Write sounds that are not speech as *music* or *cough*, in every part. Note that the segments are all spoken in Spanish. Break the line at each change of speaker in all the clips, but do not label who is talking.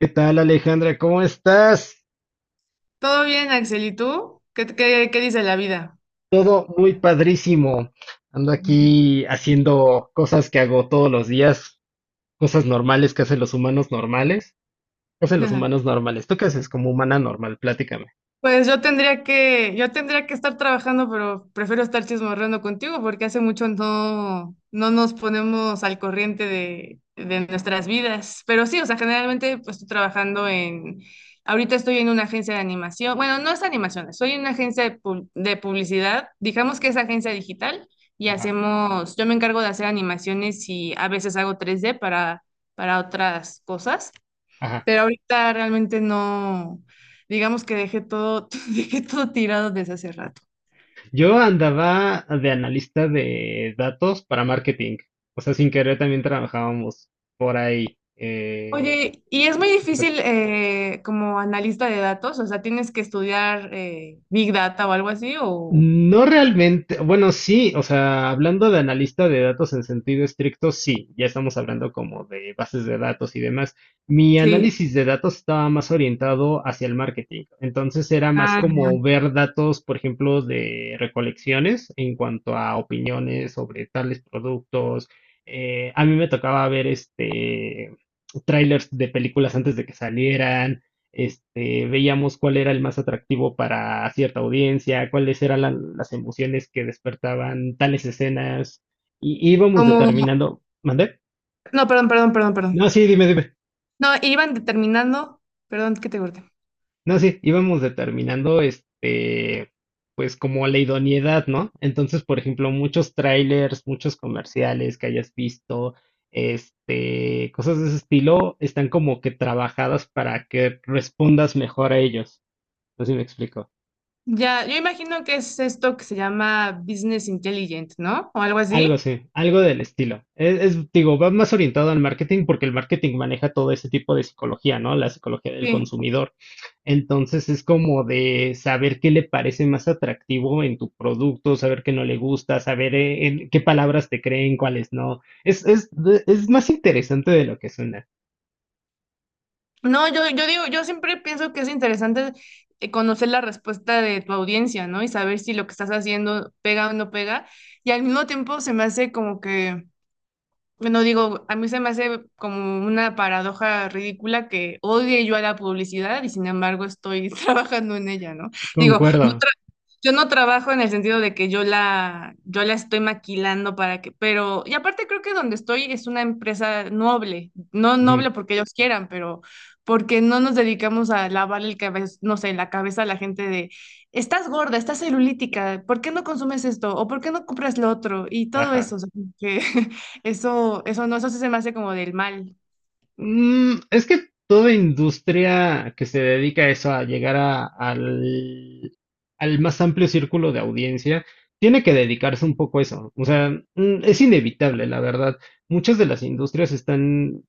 ¿Qué tal, Alejandra? ¿Cómo estás?
Todo bien, Axel, ¿y tú? ¿Qué dice la vida?
Todo muy padrísimo. Ando aquí haciendo cosas que hago todos los días, cosas normales que hacen los humanos normales. ¿Qué hacen los humanos
*laughs*
normales? ¿Tú qué haces como humana normal? Platícame.
Pues yo tendría que estar trabajando, pero prefiero estar chismorreando contigo porque hace mucho no nos ponemos al corriente de nuestras vidas. Pero sí, o sea, generalmente pues estoy trabajando en, ahorita estoy en una agencia de animación. Bueno, no es animación, soy en una agencia de publicidad, digamos que es agencia digital, y
Ajá,
hacemos, yo me encargo de hacer animaciones y a veces hago tres d para, otras cosas.
ajá.
Pero ahorita realmente no, digamos que dejé todo, *laughs* dejé todo tirado desde hace rato.
Yo andaba de analista de datos para marketing. O sea, sin querer también trabajábamos por ahí. eh,
Oye, y es muy difícil como analista de datos, o sea, tienes que estudiar Big Data o algo así, o
No realmente, bueno, sí, o sea, hablando de analista de datos en sentido estricto, sí, ya estamos hablando como de bases de datos y demás. Mi
sí.
análisis de datos estaba más orientado hacia el marketing, entonces era más
Ah,
como ver datos, por ejemplo, de recolecciones en cuanto a opiniones sobre tales productos. A mí me tocaba ver trailers de películas antes de que salieran veíamos cuál era el más atractivo para cierta audiencia, cuáles eran las emociones que despertaban tales escenas, y íbamos
como,
determinando, ¿mandé?
no, perdón, perdón, perdón,
No,
perdón.
sí, dime, dime.
No, iban determinando, perdón que te corté.
No, sí, íbamos determinando, pues como la idoneidad, ¿no? Entonces, por ejemplo, muchos trailers, muchos comerciales que hayas visto, cosas de ese estilo, están como que trabajadas para que respondas mejor a ellos. No sé si me explico.
Ya, yo imagino que es esto que se llama Business Intelligent, ¿no? O algo
Algo
así.
así, algo del estilo. Digo, va más orientado al marketing porque el marketing maneja todo ese tipo de psicología, ¿no? La psicología del
Sí.
consumidor. Entonces es como de saber qué le parece más atractivo en tu producto, saber qué no le gusta, saber en qué palabras te creen, cuáles no. Es más interesante de lo que suena.
No, yo digo, yo siempre pienso que es interesante, conocer la respuesta de tu audiencia, ¿no? Y saber si lo que estás haciendo pega o no pega. Y al mismo tiempo se me hace como que, bueno, digo, a mí se me hace como una paradoja ridícula que odie yo a la publicidad y sin embargo estoy *laughs* trabajando en ella, ¿no? Digo, no,
Concuerdo.
yo no trabajo en el sentido de que yo la, yo la estoy maquilando para que, pero, y aparte creo que donde estoy es una empresa noble, no
Ujú.
noble porque ellos quieran, pero porque no nos dedicamos a lavar el cabeza, no sé, la cabeza a la gente de, estás gorda, estás celulítica, ¿por qué no consumes esto? ¿O por qué no compras lo otro? Y todo
Ajá.
eso, o sea, que *laughs* eso no, eso sí se me hace como del mal.
Es que toda industria que se dedica a eso, a llegar al, al más amplio círculo de audiencia, tiene que dedicarse un poco a eso. O sea, es inevitable, la verdad. Muchas de las industrias están,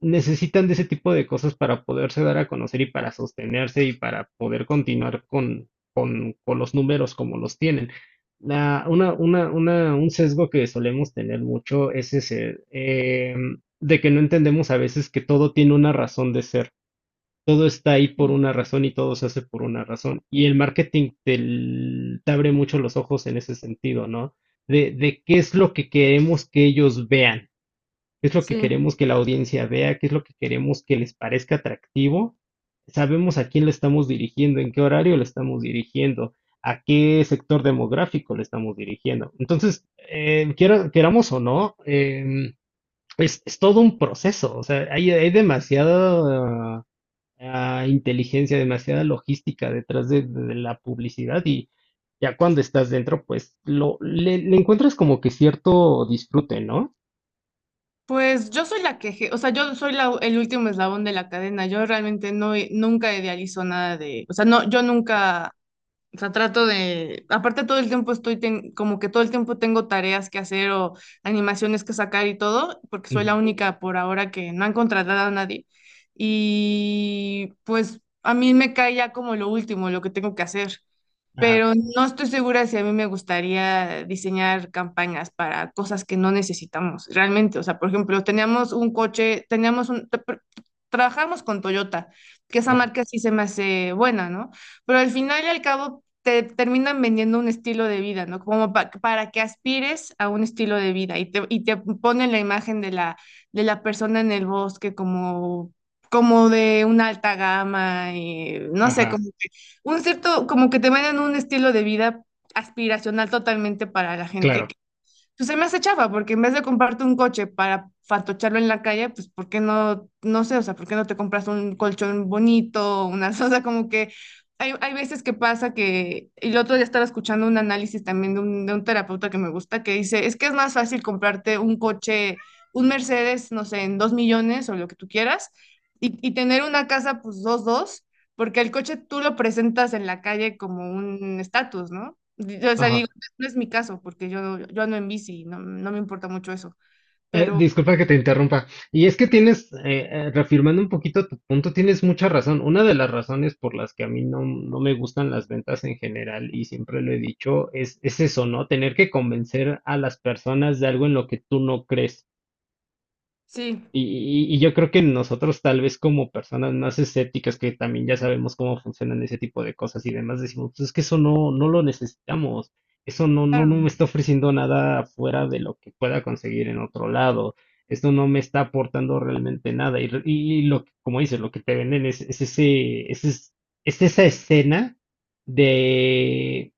necesitan de ese tipo de cosas para poderse dar a conocer y para sostenerse y para poder continuar con, con los números como los tienen. La, una, un sesgo que solemos tener mucho es ese. De que no entendemos a veces que todo tiene una razón de ser. Todo está ahí por una razón y todo se hace por una razón. Y el marketing te, te abre mucho los ojos en ese sentido, ¿no? De qué es lo que queremos que ellos vean, qué es lo que
Sí.
queremos que la audiencia vea, qué es lo que queremos que les parezca atractivo. Sabemos a quién le estamos dirigiendo, en qué horario le estamos dirigiendo, a qué sector demográfico le estamos dirigiendo. Entonces, queramos o no, es todo un proceso, o sea, hay demasiada inteligencia, demasiada logística detrás de la publicidad y ya cuando estás dentro, pues lo, le encuentras como que cierto disfrute, ¿no?
Pues yo soy la que, o sea, yo soy el último eslabón de la cadena. Yo realmente no, nunca idealizo nada de, o sea, no, yo nunca, o sea, trato de, aparte todo el tiempo estoy, como que todo el tiempo tengo tareas que hacer o animaciones que sacar y todo, porque soy la
Ujú.
única por ahora que no han contratado a nadie. Y pues a mí me cae ya como lo último, lo que tengo que hacer,
Ajá,
pero no estoy segura si a mí me gustaría diseñar campañas para cosas que no necesitamos realmente. O sea, por ejemplo, teníamos un coche, teníamos un... trabajamos con Toyota, que esa
ajá,
marca sí se me hace buena, ¿no? Pero al final y al cabo te terminan vendiendo un estilo de vida, ¿no? Como para que aspires a un estilo de vida y te ponen la imagen de la, persona en el bosque como, como de una alta gama, y no sé,
ajá,
cómo un cierto, como que te venden un estilo de vida aspiracional totalmente para la gente,
claro.
pues se me hace chafa, porque en vez de comprarte un coche para fatocharlo en la calle, pues ¿por qué no, no sé, o sea, ¿por qué no te compras un colchón bonito, una, *laughs* o sea, como que hay veces que pasa que, y el otro día estaba escuchando un análisis también de un terapeuta que me gusta, que dice, es que es más fácil comprarte un coche, un Mercedes, no sé, en 2 millones o lo que tú quieras, y tener una casa, pues dos, dos, porque el coche tú lo presentas en la calle como un estatus, ¿no? O sea,
Ajá.
digo, no es mi caso, porque yo ando en bici, no, me importa mucho eso, pero
Disculpa que te interrumpa. Y es que tienes, reafirmando un poquito tu punto, tienes mucha razón. Una de las razones por las que a mí no, no me gustan las ventas en general, y siempre lo he dicho, es eso, ¿no? Tener que convencer a las personas de algo en lo que tú no crees.
sí,
Y, y y yo creo que nosotros tal vez como personas más escépticas que también ya sabemos cómo funcionan ese tipo de cosas y demás, decimos, pues es que eso no, no lo necesitamos, eso no, no, no me
claro.
está ofreciendo nada fuera de lo que pueda conseguir en otro lado, esto no me está aportando realmente nada. Y lo que, como dices, lo que te venden es esa escena de,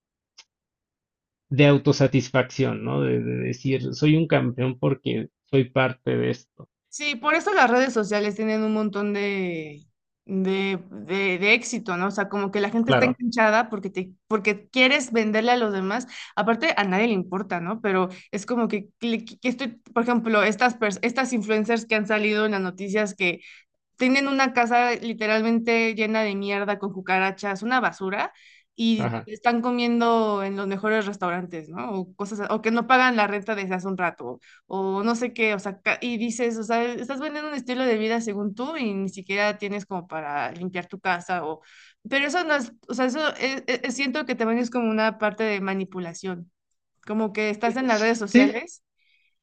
de autosatisfacción, ¿no? De decir, soy un campeón porque soy parte de esto.
Sí, por eso las redes sociales tienen un montón de éxito, ¿no? O sea, como que la gente está
Claro,
enganchada porque te, porque quieres venderle a los demás. Aparte, a nadie le importa, ¿no? Pero es como que estoy, por ejemplo, estas, pers- estas influencers que han salido en las noticias que tienen una casa literalmente llena de mierda con cucarachas, una basura, y
ajá.
están comiendo en los mejores restaurantes, ¿no? O cosas, o que no pagan la renta desde hace un rato, o no sé qué, o sea, ca- y dices, o sea, estás vendiendo un estilo de vida según tú y ni siquiera tienes como para limpiar tu casa, o, pero eso no es, o sea, eso siento que también es como una parte de manipulación, como que estás en las redes
Sí.
sociales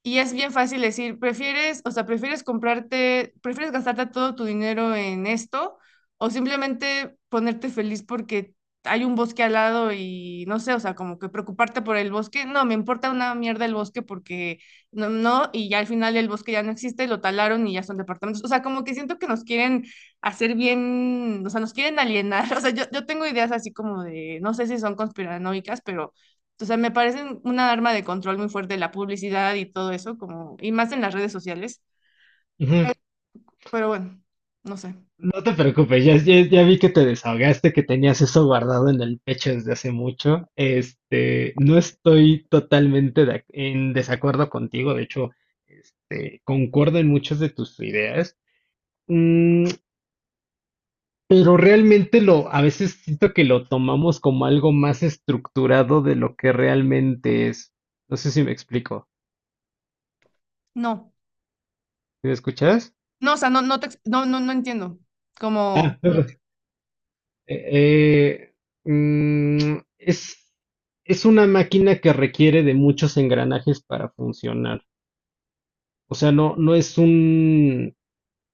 y es bien fácil decir, prefieres, o sea, prefieres comprarte, prefieres gastarte todo tu dinero en esto o simplemente ponerte feliz porque hay un bosque al lado y no sé, o sea, como que preocuparte por el bosque. No, me importa una mierda el bosque porque no, no, y ya al final el bosque ya no existe, lo talaron y ya son departamentos. O sea, como que siento que nos quieren hacer bien, o sea, nos quieren alienar. *laughs* O sea, yo tengo ideas así como de, no sé si son conspiranoicas, pero o sea, me parecen una arma de control muy fuerte la publicidad y todo eso, como, y más en las redes sociales.
Ujú.
Pero bueno, no sé.
No te preocupes, ya vi que te desahogaste, que tenías eso guardado en el pecho desde hace mucho. Este, no estoy totalmente de en desacuerdo contigo, de hecho, este, concuerdo en muchas de tus ideas. Mm, pero realmente lo, a veces siento que lo tomamos como algo más estructurado de lo que realmente es. No sé si me explico.
No.
¿Sí? ¿Me escuchas?
No, o sea, no, no, te ex- no, no, no entiendo.
Ah.
Como,
*laughs* Eh, eh, mm, es, es una máquina que requiere de muchos engranajes para funcionar. O sea, no, no es un,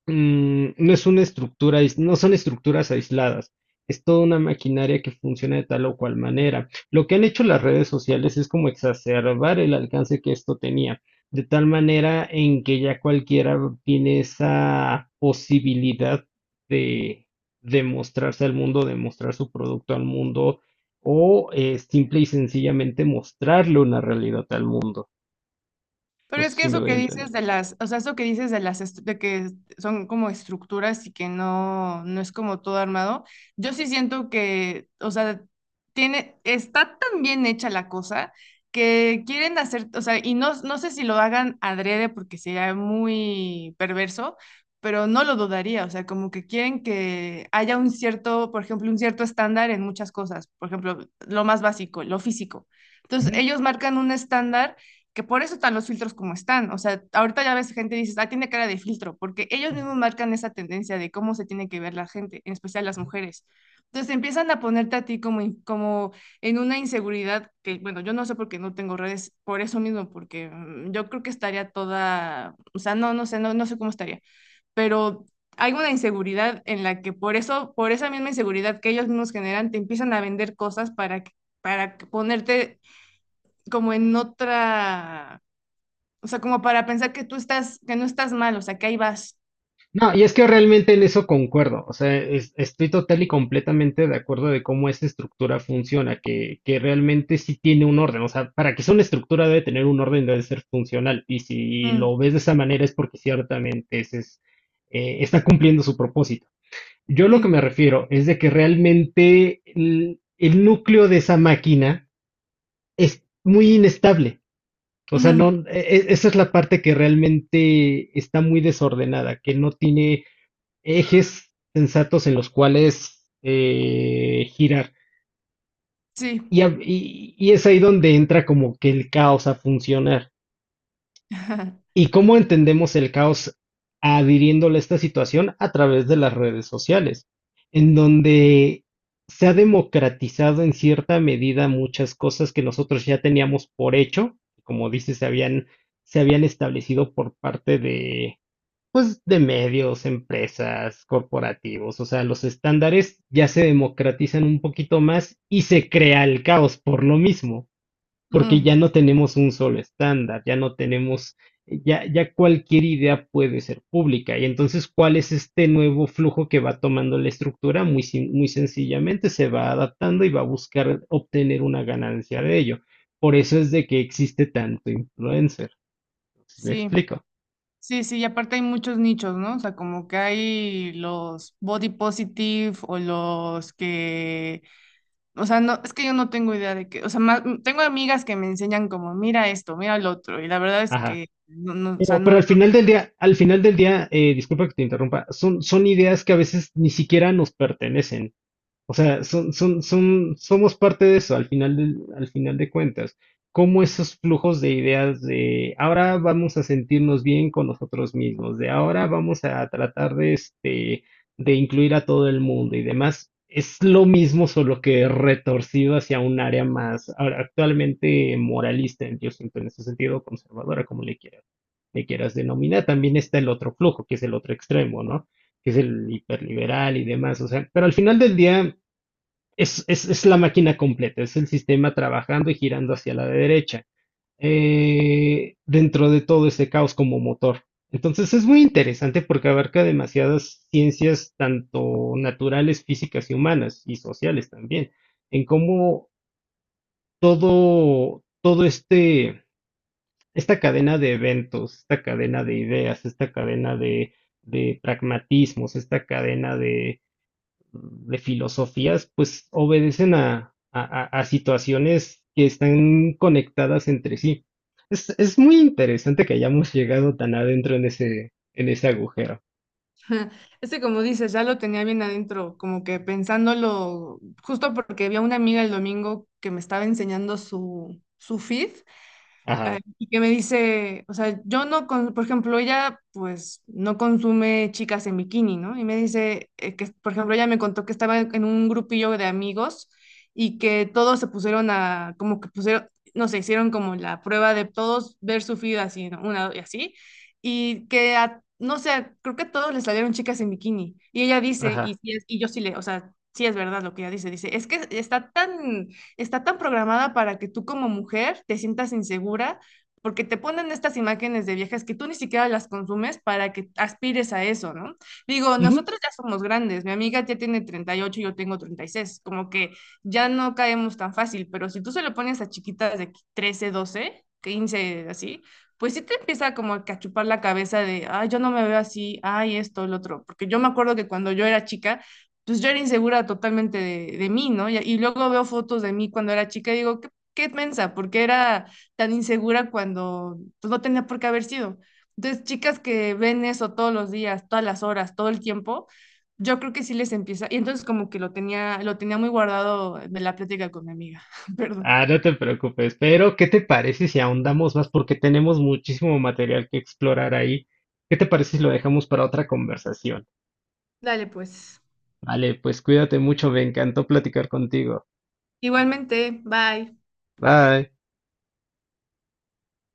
mm, no es una estructura, no son estructuras aisladas, es toda una maquinaria que funciona de tal o cual manera. Lo que han hecho las redes sociales es como exacerbar el alcance que esto tenía, de tal manera en que ya cualquiera tiene esa posibilidad de, de mostrarse al mundo, de mostrar su producto al mundo, o simple y sencillamente mostrarle una realidad al mundo. No
pero
sé
es que
si me
eso
doy a
que dices
entender.
de las, o sea, eso que dices de las, est- de que son como estructuras y que no, no es como todo armado, yo sí siento que, o sea, tiene, está tan bien hecha la cosa que quieren hacer, o sea, y no, no sé si lo hagan adrede porque sería muy perverso, pero no lo dudaría, o sea, como que quieren que haya un cierto, por ejemplo, un cierto estándar en muchas cosas, por ejemplo, lo más básico, lo físico. Entonces,
Ujú.
ellos marcan un estándar, que por eso están los filtros como están. O sea, ahorita ya ves gente y dices, ah, tiene cara de filtro, porque ellos mismos marcan esa tendencia de cómo se tiene que ver la gente, en especial las mujeres. Entonces empiezan a ponerte a ti como, in- como en una inseguridad que, bueno, yo no sé por qué no tengo redes, por eso mismo, porque yo creo que estaría toda, o sea, no, no sé, no, no sé cómo estaría, pero hay una inseguridad en la que por eso, por esa misma inseguridad que ellos mismos generan, te empiezan a vender cosas para, para que ponerte como en otra, o sea, como para pensar que tú estás, que no estás mal, o sea, que ahí vas.
No, y es que realmente en eso concuerdo, o sea, estoy total y completamente de acuerdo de cómo esta estructura funciona, que realmente sí tiene un orden, o sea, para que sea una estructura debe tener un orden, debe ser funcional, y si lo
Mm,
ves de esa manera es porque ciertamente ese es, está cumpliendo su propósito. Yo lo que
sí,
me refiero es de que realmente el núcleo de esa máquina es muy inestable. O sea,
ujú,
no, esa es la parte que realmente está muy desordenada, que no tiene ejes sensatos en los cuales girar.
sí,
Y, y es ahí donde entra como que el caos a funcionar.
*laughs*
¿Y cómo entendemos el caos adhiriéndole a esta situación? A través de las redes sociales, en donde se ha democratizado en cierta medida muchas cosas que nosotros ya teníamos por hecho, como dices, se habían establecido por parte de, pues de medios, empresas, corporativos, o sea, los estándares ya se democratizan un poquito más y se crea el caos por lo mismo, porque
Mm,
ya no tenemos un solo estándar, ya no tenemos, ya cualquier idea puede ser pública. Y entonces, ¿cuál es este nuevo flujo que va tomando la estructura? Muy, sin- Muy sencillamente se va adaptando y va a buscar obtener una ganancia de ello. Por eso es de que existe tanto influencer. ¿Sí me
sí,
explico?
sí, sí, y aparte hay muchos nichos, ¿no? O sea, como que hay los body positive o los que, o sea, no, es que yo no tengo idea de qué, o sea, más- tengo amigas que me enseñan como, mira esto, mira el otro, y la verdad es
Ajá.
que, no, no, o sea, no.
Pero al final del día, al final del día, disculpa que te interrumpa, son, son ideas que a veces ni siquiera nos pertenecen. O sea, son, somos parte de eso al al final de cuentas. Cómo esos flujos de ideas de ahora vamos a sentirnos bien con nosotros mismos, de ahora vamos a tratar de, de incluir a todo el mundo y demás, es lo mismo, solo que retorcido hacia un área más, ahora, actualmente moralista, yo siento en ese sentido, conservadora, como le quieras denominar. También está el otro flujo, que es el otro extremo, ¿no? Que es el hiperliberal y demás. O sea, pero al final del día, es la máquina completa, es el sistema trabajando y girando hacia la derecha, dentro de todo ese caos como motor. Entonces es muy interesante porque abarca demasiadas ciencias, tanto naturales, físicas y humanas, y sociales también, en cómo todo este, esta cadena de eventos, esta cadena de ideas, esta cadena de pragmatismos, esta cadena de filosofías, pues obedecen a, a situaciones que están conectadas entre sí. Es muy interesante que hayamos llegado tan adentro en ese agujero.
*laughs* Este, como dices, ya lo tenía bien adentro, como que pensándolo, justo porque vi a una amiga el domingo que me estaba enseñando su, su feed, ah,
Ajá,
y que me dice, o sea, yo no, con- por ejemplo, ella pues no consume chicas en bikini, ¿no? Y me dice, que, por ejemplo, ella me contó que estaba en un grupillo de amigos, y que todos se pusieron a, como que pusieron, no sé, hicieron como la prueba de todos ver su feed así, ¿no? Una y así, y que a- no sé, creo que a todos les salieron chicas en bikini. Y ella dice, y,
ajá.
sí es- y yo sí le, o sea, sí es verdad lo que ella dice, dice, es que está tan programada para que tú como mujer te sientas insegura porque te ponen estas imágenes de viejas que tú ni siquiera las consumes para que aspires a eso, ¿no? Digo,
Ujú.
nosotros ya somos grandes, mi amiga ya tiene 38 y yo tengo 36. Como que ya no caemos tan fácil, pero si tú se lo pones a chiquitas de 13, 12, 15, así, pues sí te empieza como a chupar la cabeza de, ay, yo no me veo así, ay, esto, el otro, porque yo me acuerdo que cuando yo era chica, pues yo era insegura totalmente de mí, ¿no? Y luego veo fotos de mí cuando era chica y digo, qué, qué mensa, porque era tan insegura cuando pues, no tenía por qué haber sido. Entonces, chicas que ven eso todos los días, todas las horas, todo el tiempo, yo creo que sí les empieza. Y entonces como que lo tenía muy guardado de la plática con mi amiga. *laughs* Perdón.
Ah, no te preocupes, pero ¿qué te parece si ahondamos más? Porque tenemos muchísimo material que explorar ahí. ¿Qué te parece si lo dejamos para otra conversación?
Dale, pues.
Vale, pues cuídate mucho, me encantó platicar contigo.
Igualmente, bye.
Bye.